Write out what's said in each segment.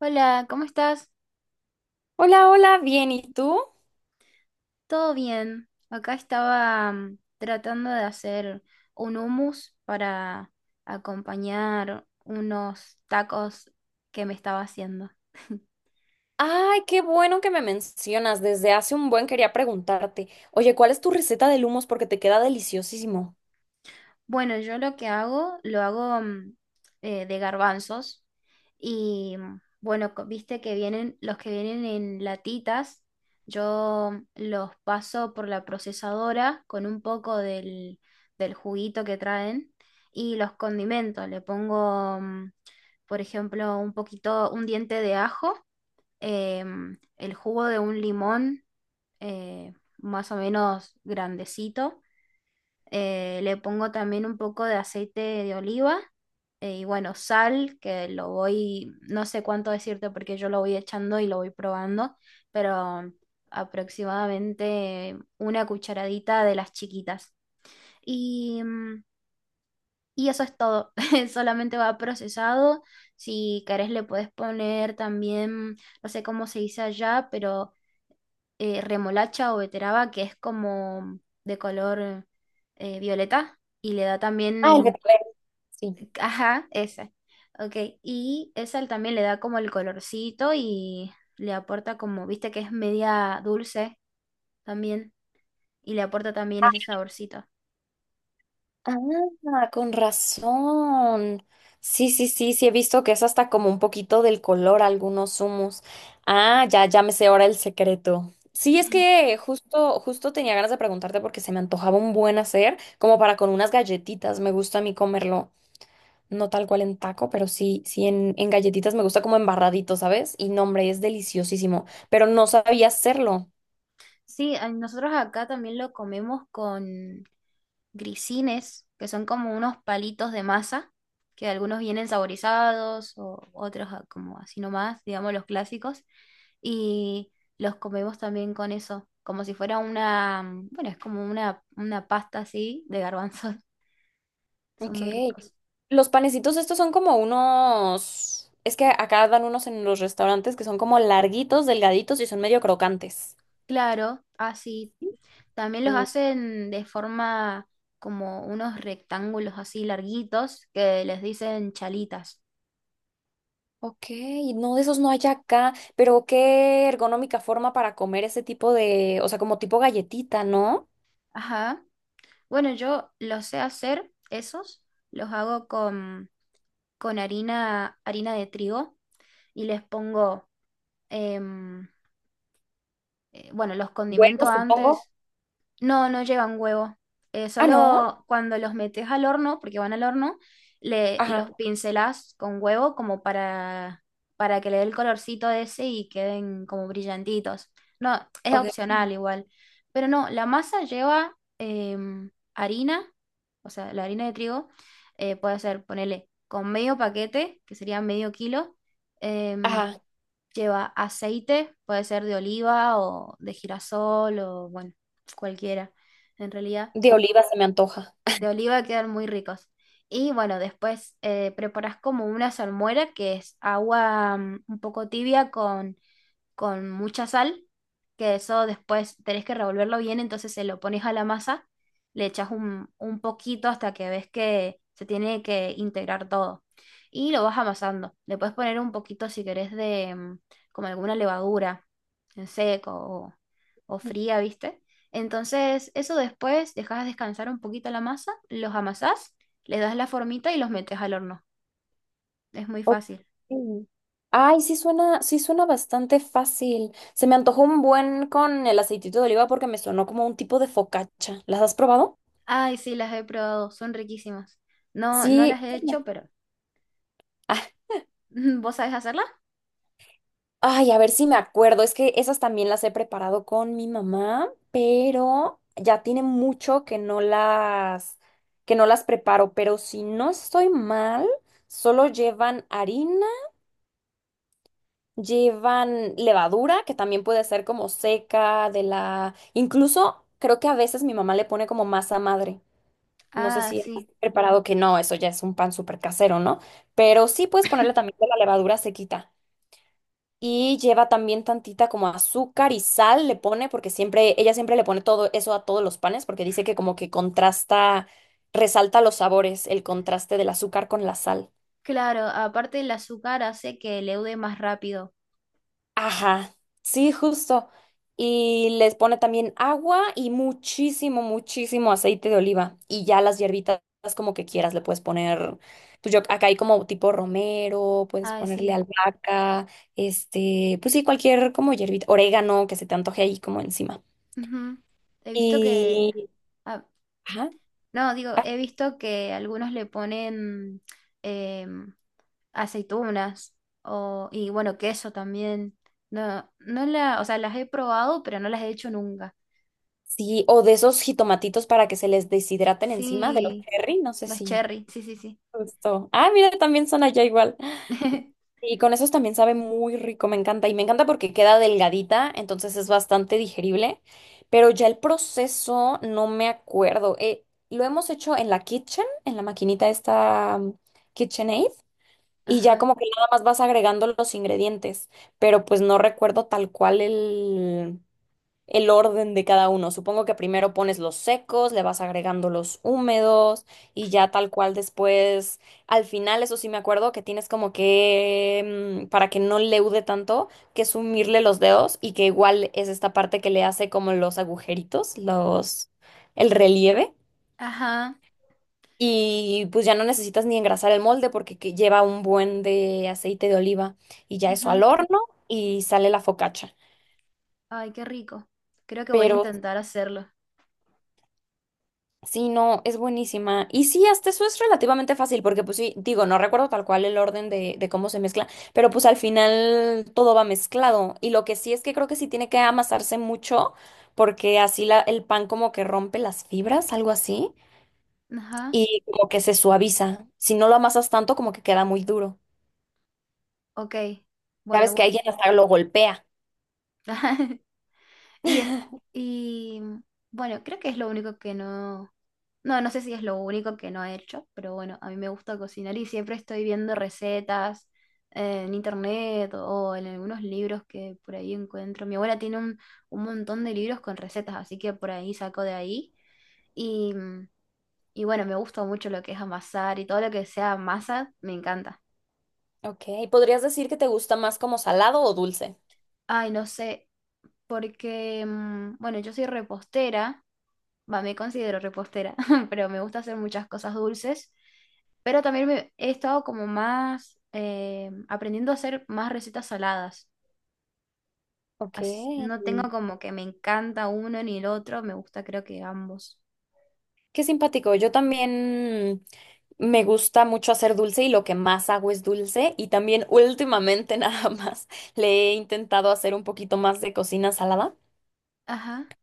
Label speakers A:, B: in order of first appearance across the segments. A: Hola, ¿cómo estás?
B: Hola, hola, bien, ¿y tú?
A: ¿Todo bien? Acá estaba tratando de hacer un hummus para acompañar unos tacos que me estaba haciendo.
B: Ay, qué bueno que me mencionas. Desde hace un buen quería preguntarte. Oye, ¿cuál es tu receta de humos? Porque te queda deliciosísimo.
A: Bueno, yo lo que hago, lo hago de garbanzos y bueno, viste que vienen, los que vienen en latitas, yo los paso por la procesadora con un poco del juguito que traen y los condimento. Le pongo, por ejemplo, un diente de ajo, el jugo de un limón eh, más o menos grandecito, le pongo también un poco de aceite de oliva, y bueno, sal, no sé cuánto decirte porque yo lo voy echando y lo voy probando, pero aproximadamente una cucharadita de las chiquitas. Y, mm, y eso es todo, solamente va procesado. Si querés le puedes poner también, no sé cómo se dice allá, pero remolacha o beteraba, que es como de color violeta, y le da
B: Ah, el que
A: también,
B: sí.
A: ajá, esa. Ok, y esa también le da como el colorcito y le aporta como, viste que es media dulce también, y le aporta también ese saborcito.
B: Ah, con razón. Sí, sí, sí, sí, he visto que es hasta como un poquito del color algunos humos. Ah, ya, ya me sé ahora el secreto. Sí, es que justo, justo tenía ganas de preguntarte porque se me antojaba un buen hacer, como para con unas galletitas. Me gusta a mí comerlo. No tal cual en taco, pero sí, sí en galletitas me gusta como embarradito, ¿sabes? Y no, hombre, es deliciosísimo, pero no sabía hacerlo.
A: Sí, nosotros acá también lo comemos con grisines, que son como unos palitos de masa, que algunos vienen saborizados o otros, ah, como así nomás, digamos los clásicos, y los comemos también con eso, como si fuera una, bueno, es como una pasta así de garbanzos, son
B: Ok.
A: muy ricos.
B: Los panecitos estos son como unos. Es que acá dan unos en los restaurantes que son como larguitos, delgaditos y son medio crocantes.
A: Claro, así. También los
B: Mm,
A: hacen de forma como unos rectángulos así larguitos que les dicen chalitas.
B: ok, no, de esos no hay acá, pero qué ergonómica forma para comer ese tipo de, o sea, como tipo galletita, ¿no?
A: Ajá. Bueno, yo los sé hacer, esos, los hago con harina, harina de trigo y les pongo, em, bueno, los
B: Huevo,
A: condimento
B: supongo.
A: antes, no, no llevan huevo.
B: Ah, no.
A: Solo cuando los metes al horno, porque van al horno,
B: Ajá,
A: los pincelás con huevo como para que le dé el colorcito ese y queden como brillantitos. No, es
B: ok.
A: opcional igual. Pero no, la masa lleva harina, o sea, la harina de trigo, puede ser, ponele, con medio paquete, que sería medio kilo. em,
B: Ajá,
A: Lleva aceite, puede ser de oliva o de girasol, o bueno, cualquiera, en realidad.
B: de oliva se me antoja.
A: De oliva quedan muy ricos. Y bueno, después, preparas como una salmuera, que es agua un poco tibia con mucha sal, que eso después tenés que revolverlo bien, entonces se lo pones a la masa, le echas un poquito hasta que ves que se tiene que integrar todo. Y lo vas amasando. Le puedes poner un poquito, si querés, de como alguna levadura en seco o fría, ¿viste? Entonces, eso después dejas descansar un poquito la masa, los amasás, le das la formita y los metes al horno. Es muy
B: Ok.
A: fácil.
B: Ay, sí suena bastante fácil. Se me antojó un buen con el aceitito de oliva porque me sonó como un tipo de focaccia. ¿Las has probado?
A: Ay, sí, las he probado, son riquísimas. No, no
B: Sí.
A: las he hecho, pero
B: Ah,
A: ¿vos sabés hacerlas?
B: ay, a ver si me acuerdo. Es que esas también las he preparado con mi mamá, pero ya tiene mucho que no las preparo. Pero si no estoy mal, solo llevan harina. Llevan levadura, que también puede ser como seca, de la. Incluso creo que a veces mi mamá le pone como masa madre. No sé
A: Ah,
B: si has
A: sí.
B: preparado que no, eso ya es un pan súper casero, ¿no? Pero sí puedes ponerle también de la levadura sequita. Y lleva también tantita como azúcar y sal le pone, porque siempre, ella siempre le pone todo eso a todos los panes, porque dice que como que contrasta, resalta los sabores, el contraste del azúcar con la sal.
A: Claro, aparte el azúcar hace que leude más rápido.
B: Ajá, sí, justo. Y les pone también agua y muchísimo, muchísimo aceite de oliva. Y ya las hierbitas como que quieras, le puedes poner, pues yo acá hay como tipo romero, puedes
A: Ah,
B: ponerle
A: sí.
B: albahaca, este, pues sí, cualquier como hierbita, orégano que se te antoje ahí como encima.
A: Ujú. He visto
B: Y,
A: que... ah,
B: ajá,
A: no, digo,
B: ah,
A: he visto que algunos le ponen em, aceitunas o, y bueno, queso también. No, o sea, las he probado, pero no las he hecho nunca.
B: sí, o de esos jitomatitos para que se les deshidraten encima de los
A: Sí,
B: cherry, no sé
A: los
B: si.
A: cherry, sí, sí, sí.
B: Justo. Ah, mira, también son allá igual. Y con esos también sabe muy rico, me encanta. Y me encanta porque queda delgadita, entonces es bastante digerible. Pero ya el proceso no me acuerdo. Lo hemos hecho en la kitchen, en la maquinita esta, KitchenAid. Y ya
A: Ajá.
B: como que nada más vas agregando los ingredientes. Pero pues no recuerdo tal cual el orden de cada uno. Supongo que primero pones los secos, le vas agregando los húmedos y ya tal cual después, al final, eso sí me acuerdo que tienes como que, para que no leude tanto, que sumirle los dedos y que igual es esta parte que le hace como los agujeritos, los, el relieve.
A: Ajá.
B: Y pues ya no necesitas ni engrasar el molde porque que lleva un buen de aceite de oliva y ya eso
A: Ujú.
B: al horno y sale la focacha.
A: Ay, qué rico. Creo que voy a
B: Pero
A: intentar hacerlo.
B: sí, no, es buenísima. Y sí, hasta eso es relativamente fácil, porque pues sí, digo, no recuerdo tal cual el orden de cómo se mezcla, pero pues al final todo va mezclado. Y lo que sí es que creo que sí tiene que amasarse mucho, porque así el pan como que rompe las fibras, algo así,
A: Ajá.
B: y como que se suaviza. Si no lo amasas tanto, como que queda muy duro.
A: Ok. Bueno,
B: Sabes que
A: bueno.
B: alguien hasta lo golpea.
A: Y es, y bueno, creo que es lo único que no. No, no sé si es lo único que no he hecho, pero bueno, a mí me gusta cocinar y siempre estoy viendo recetas, en internet o en algunos libros que por ahí encuentro. Mi abuela tiene un montón de libros con recetas, así que por ahí saco de ahí. Y, y bueno, me gusta mucho lo que es amasar y todo lo que sea masa, me encanta.
B: Ok, ¿podrías decir que te gusta más como salado o dulce?
A: Ay, no sé, porque, mm, bueno, yo soy repostera, va, me considero repostera, pero me gusta hacer muchas cosas dulces, pero también he estado como más, aprendiendo a hacer más recetas saladas.
B: Ok.
A: No tengo como que me encanta uno ni el otro, me gusta creo que ambos.
B: Qué simpático. Yo también me gusta mucho hacer dulce y lo que más hago es dulce. Y también últimamente nada más le he intentado hacer un poquito más de cocina salada.
A: Ajá,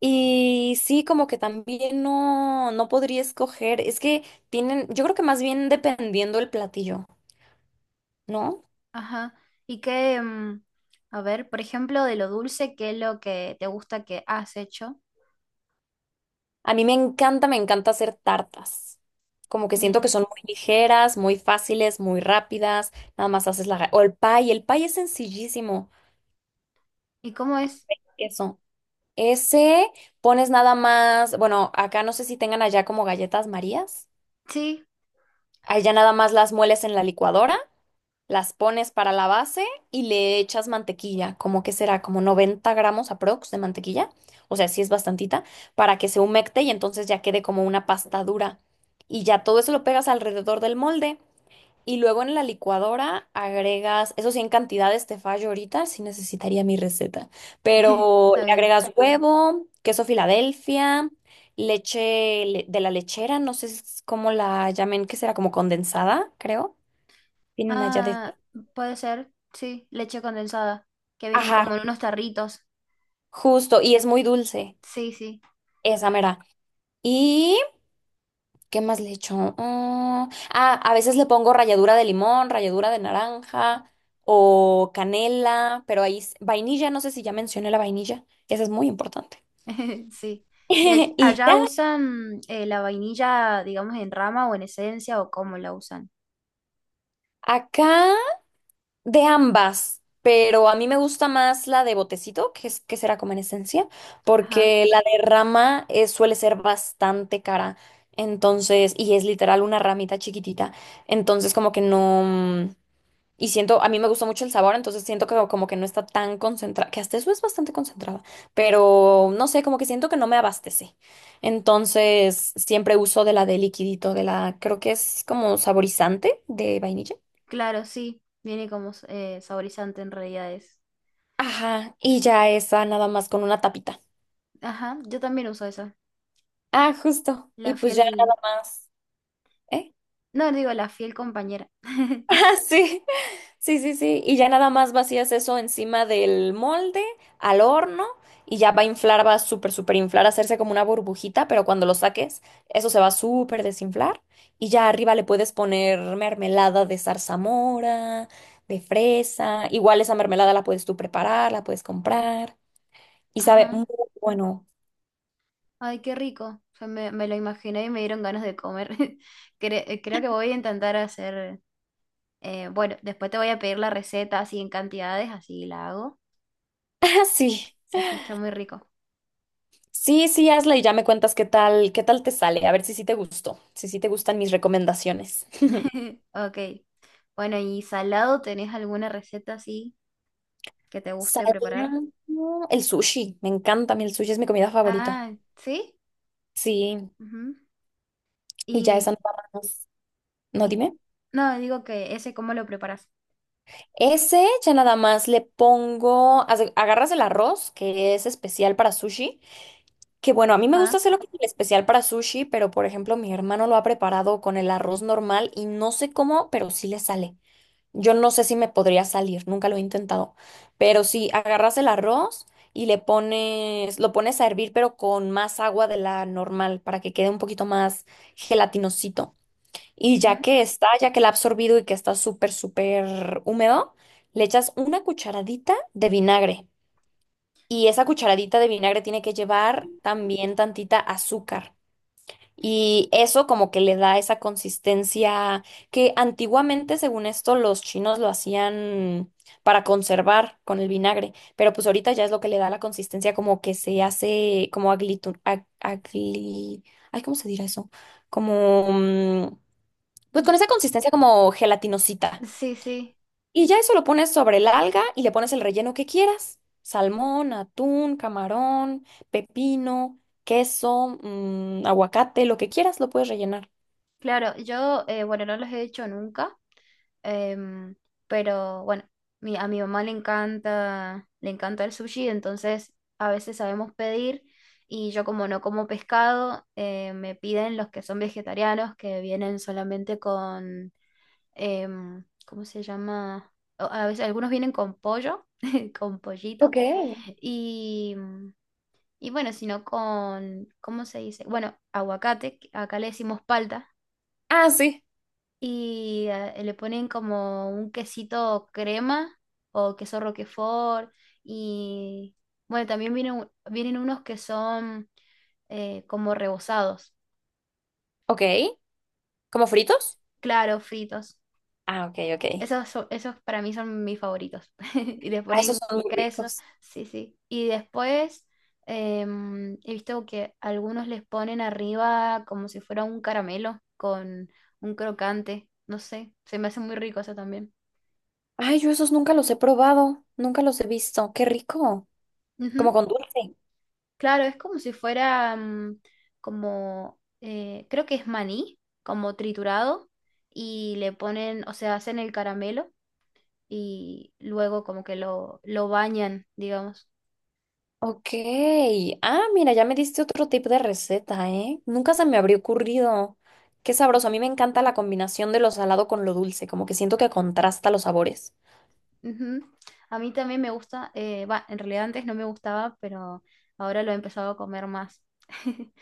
B: Y sí, como que también no, no podría escoger. Es que tienen, yo creo que más bien dependiendo el platillo, ¿no?
A: ajá. Y que, mm, a ver, por ejemplo, de lo dulce, ¿qué es lo que te gusta que has hecho?
B: A mí me encanta hacer tartas. Como que siento que
A: Bien.
B: son muy ligeras, muy fáciles, muy rápidas. Nada más haces o el pie es sencillísimo.
A: ¿Y cómo es?
B: Eso. Ese pones nada más, bueno, acá no sé si tengan allá como galletas Marías.
A: Sí,
B: Allá nada más las mueles en la licuadora, las pones para la base y le echas mantequilla, como que será como 90 g aprox de mantequilla, o sea, sí es bastantita, para que se humecte y entonces ya quede como una pasta dura. Y ya todo eso lo pegas alrededor del molde. Y luego en la licuadora agregas, eso sí, en cantidades te fallo ahorita, sí necesitaría mi receta, pero
A: está
B: le
A: bien.
B: agregas huevo, queso Filadelfia, leche de la lechera, no sé cómo la llamen, que será como condensada, creo. Tienen allá de...
A: Ah, puede ser, sí, leche condensada, que vienen
B: Ajá,
A: como en unos tarritos.
B: justo, y es muy dulce,
A: Sí, sí,
B: esa mera. Y ¿qué más le echo? A veces le pongo ralladura de limón, ralladura de naranja o canela, pero ahí vainilla, no sé si ya mencioné la vainilla, que esa es muy importante.
A: sí. ¿Y
B: Y
A: allá
B: ya,
A: usan, la vainilla, digamos, en rama o en esencia o cómo la usan?
B: acá de ambas, pero a mí me gusta más la de botecito, que es que será como en esencia,
A: Ajá,
B: porque la de rama suele ser bastante cara. Entonces, y es literal una ramita chiquitita. Entonces, como que no. Y siento, a mí me gustó mucho el sabor, entonces siento que como que no está tan concentrada, que hasta eso es bastante concentrada, pero no sé, como que siento que no me abastece. Entonces siempre uso de la de liquidito, de la, creo que es como saborizante de vainilla.
A: claro, sí, viene como, saborizante en realidad es.
B: Ajá, y ya esa nada más con una tapita.
A: Ajá, yo también uso esa,
B: Ah, justo. Y
A: la
B: pues ya nada
A: fiel,
B: más. ¿Eh?
A: no, digo, la fiel compañera.
B: Sí, sí, sí, sí. Y ya nada más vacías eso encima del molde, al horno, y ya va a inflar, va a súper, súper inflar, hacerse como una burbujita, pero cuando lo saques, eso se va a súper desinflar. Y ya arriba le puedes poner mermelada de zarzamora, de fresa. Igual esa mermelada la puedes tú preparar, la puedes comprar. Y sabe
A: Ajá,
B: muy bueno.
A: ay, qué rico. O sea, me lo imaginé y me dieron ganas de comer. Creo que voy a intentar hacer... bueno, después te voy a pedir la receta así en cantidades, así la hago.
B: Ah, sí.
A: Se escucha muy rico.
B: Sí, sí, hazla y ya me cuentas qué tal te sale. A ver si sí te gustó, si sí te gustan mis recomendaciones.
A: Ok. Bueno, ¿y salado tenés alguna receta así que te guste
B: Salía
A: preparar?
B: el sushi. Me encanta a mí el sushi, es mi comida favorita.
A: Ah, ¿sí?
B: Sí,
A: Ujú.
B: y ya esa
A: Y,
B: nada más. No,
A: y-
B: dime.
A: no, digo que ese cómo lo preparas.
B: Ese ya nada más le pongo, agarras el arroz, que es especial para sushi, que bueno, a mí me gusta
A: Ajá.
B: hacerlo con el especial para sushi, pero por ejemplo mi hermano lo ha preparado con el arroz normal y no sé cómo, pero sí le sale. Yo no sé si me podría salir, nunca lo he intentado, pero si agarras el arroz y le pones, lo pones a hervir, pero con más agua de la normal para que quede un poquito más gelatinosito. Y ya
A: Ujú.
B: que está, ya que la ha absorbido y que está súper, súper húmedo, le echas una cucharadita de vinagre. Y esa cucharadita de vinagre tiene que llevar también tantita azúcar. Y eso como que le da esa consistencia que antiguamente, según esto, los chinos lo hacían para conservar con el vinagre, pero pues ahorita ya es lo que le da la consistencia como que se hace como ay, ¿cómo se dirá eso? Como, pues con esa consistencia como gelatinosita.
A: Sí, sí.
B: Y ya eso lo pones sobre el alga y le pones el relleno que quieras. Salmón, atún, camarón, pepino, queso, aguacate, lo que quieras, lo puedes rellenar.
A: Claro, yo, bueno, no los he hecho nunca. Em, pero bueno, a mi mamá le encanta el sushi, entonces a veces sabemos pedir, y yo como no como pescado, me piden los que son vegetarianos, que vienen solamente con, em, ¿cómo se llama? A veces algunos vienen con pollo, con pollito,
B: Ok.
A: y, y bueno, sino con, ¿cómo se dice? Bueno, aguacate, que acá le decimos palta,
B: Ah, sí.
A: y le ponen como un quesito crema o queso roquefort, y bueno, también vienen, vienen unos que son, como rebozados,
B: Ok. ¿Como fritos?
A: claro, fritos.
B: Ah, ok, ok.
A: Esos, esos para mí son mis favoritos. Y les
B: Ah, esos
A: ponen
B: son muy
A: queso,
B: ricos.
A: sí, sí. Y después, em, he visto que algunos les ponen arriba como si fuera un caramelo con un crocante. No sé, se me hace muy rico eso también.
B: Ay, yo esos nunca los he probado. Nunca los he visto. Qué rico.
A: Ujú.
B: Como con dulce.
A: Claro, es como si fuera creo que es maní, como triturado, y le ponen, o sea, hacen el caramelo y luego como que lo bañan, digamos.
B: Ok. Ah, mira, ya me diste otro tipo de receta, ¿eh? Nunca se me habría ocurrido. Qué sabroso. A mí me encanta la combinación de lo salado con lo dulce. Como que siento que contrasta los sabores.
A: Ujú. A mí también me gusta, va, en realidad antes no me gustaba, pero ahora lo he empezado a comer más.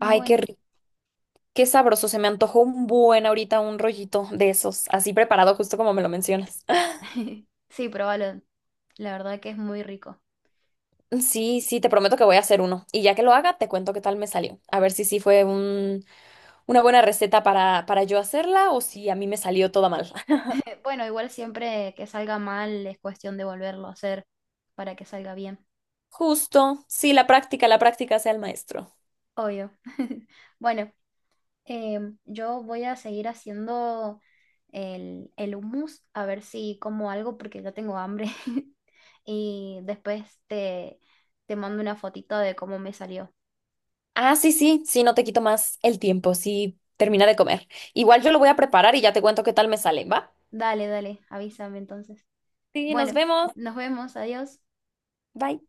B: Ay, qué rico. Qué sabroso. Se me antojó un buen ahorita un rollito de esos. Así preparado, justo como me lo mencionas.
A: sí, probalo, la verdad que es muy rico.
B: Sí, sí, te prometo que voy a hacer uno. Y ya que lo haga, te cuento qué tal me salió. A ver si sí fue una buena receta para yo hacerla o si a mí me salió toda mal.
A: Bueno, igual siempre que salga mal es cuestión de volverlo a hacer para que salga bien.
B: Justo, sí, la práctica sea el maestro.
A: Obvio. Bueno, em, yo voy a seguir haciendo el hummus, a ver si como algo porque ya tengo hambre. Y después te mando una fotito de cómo me salió.
B: Ah, sí, sí, sí, no te quito más el tiempo, sí, termina de comer. Igual yo lo voy a preparar y ya te cuento qué tal me sale, ¿va?
A: Dale, dale, avísame entonces.
B: Sí, nos
A: Bueno,
B: vemos.
A: nos vemos, adiós.
B: Bye.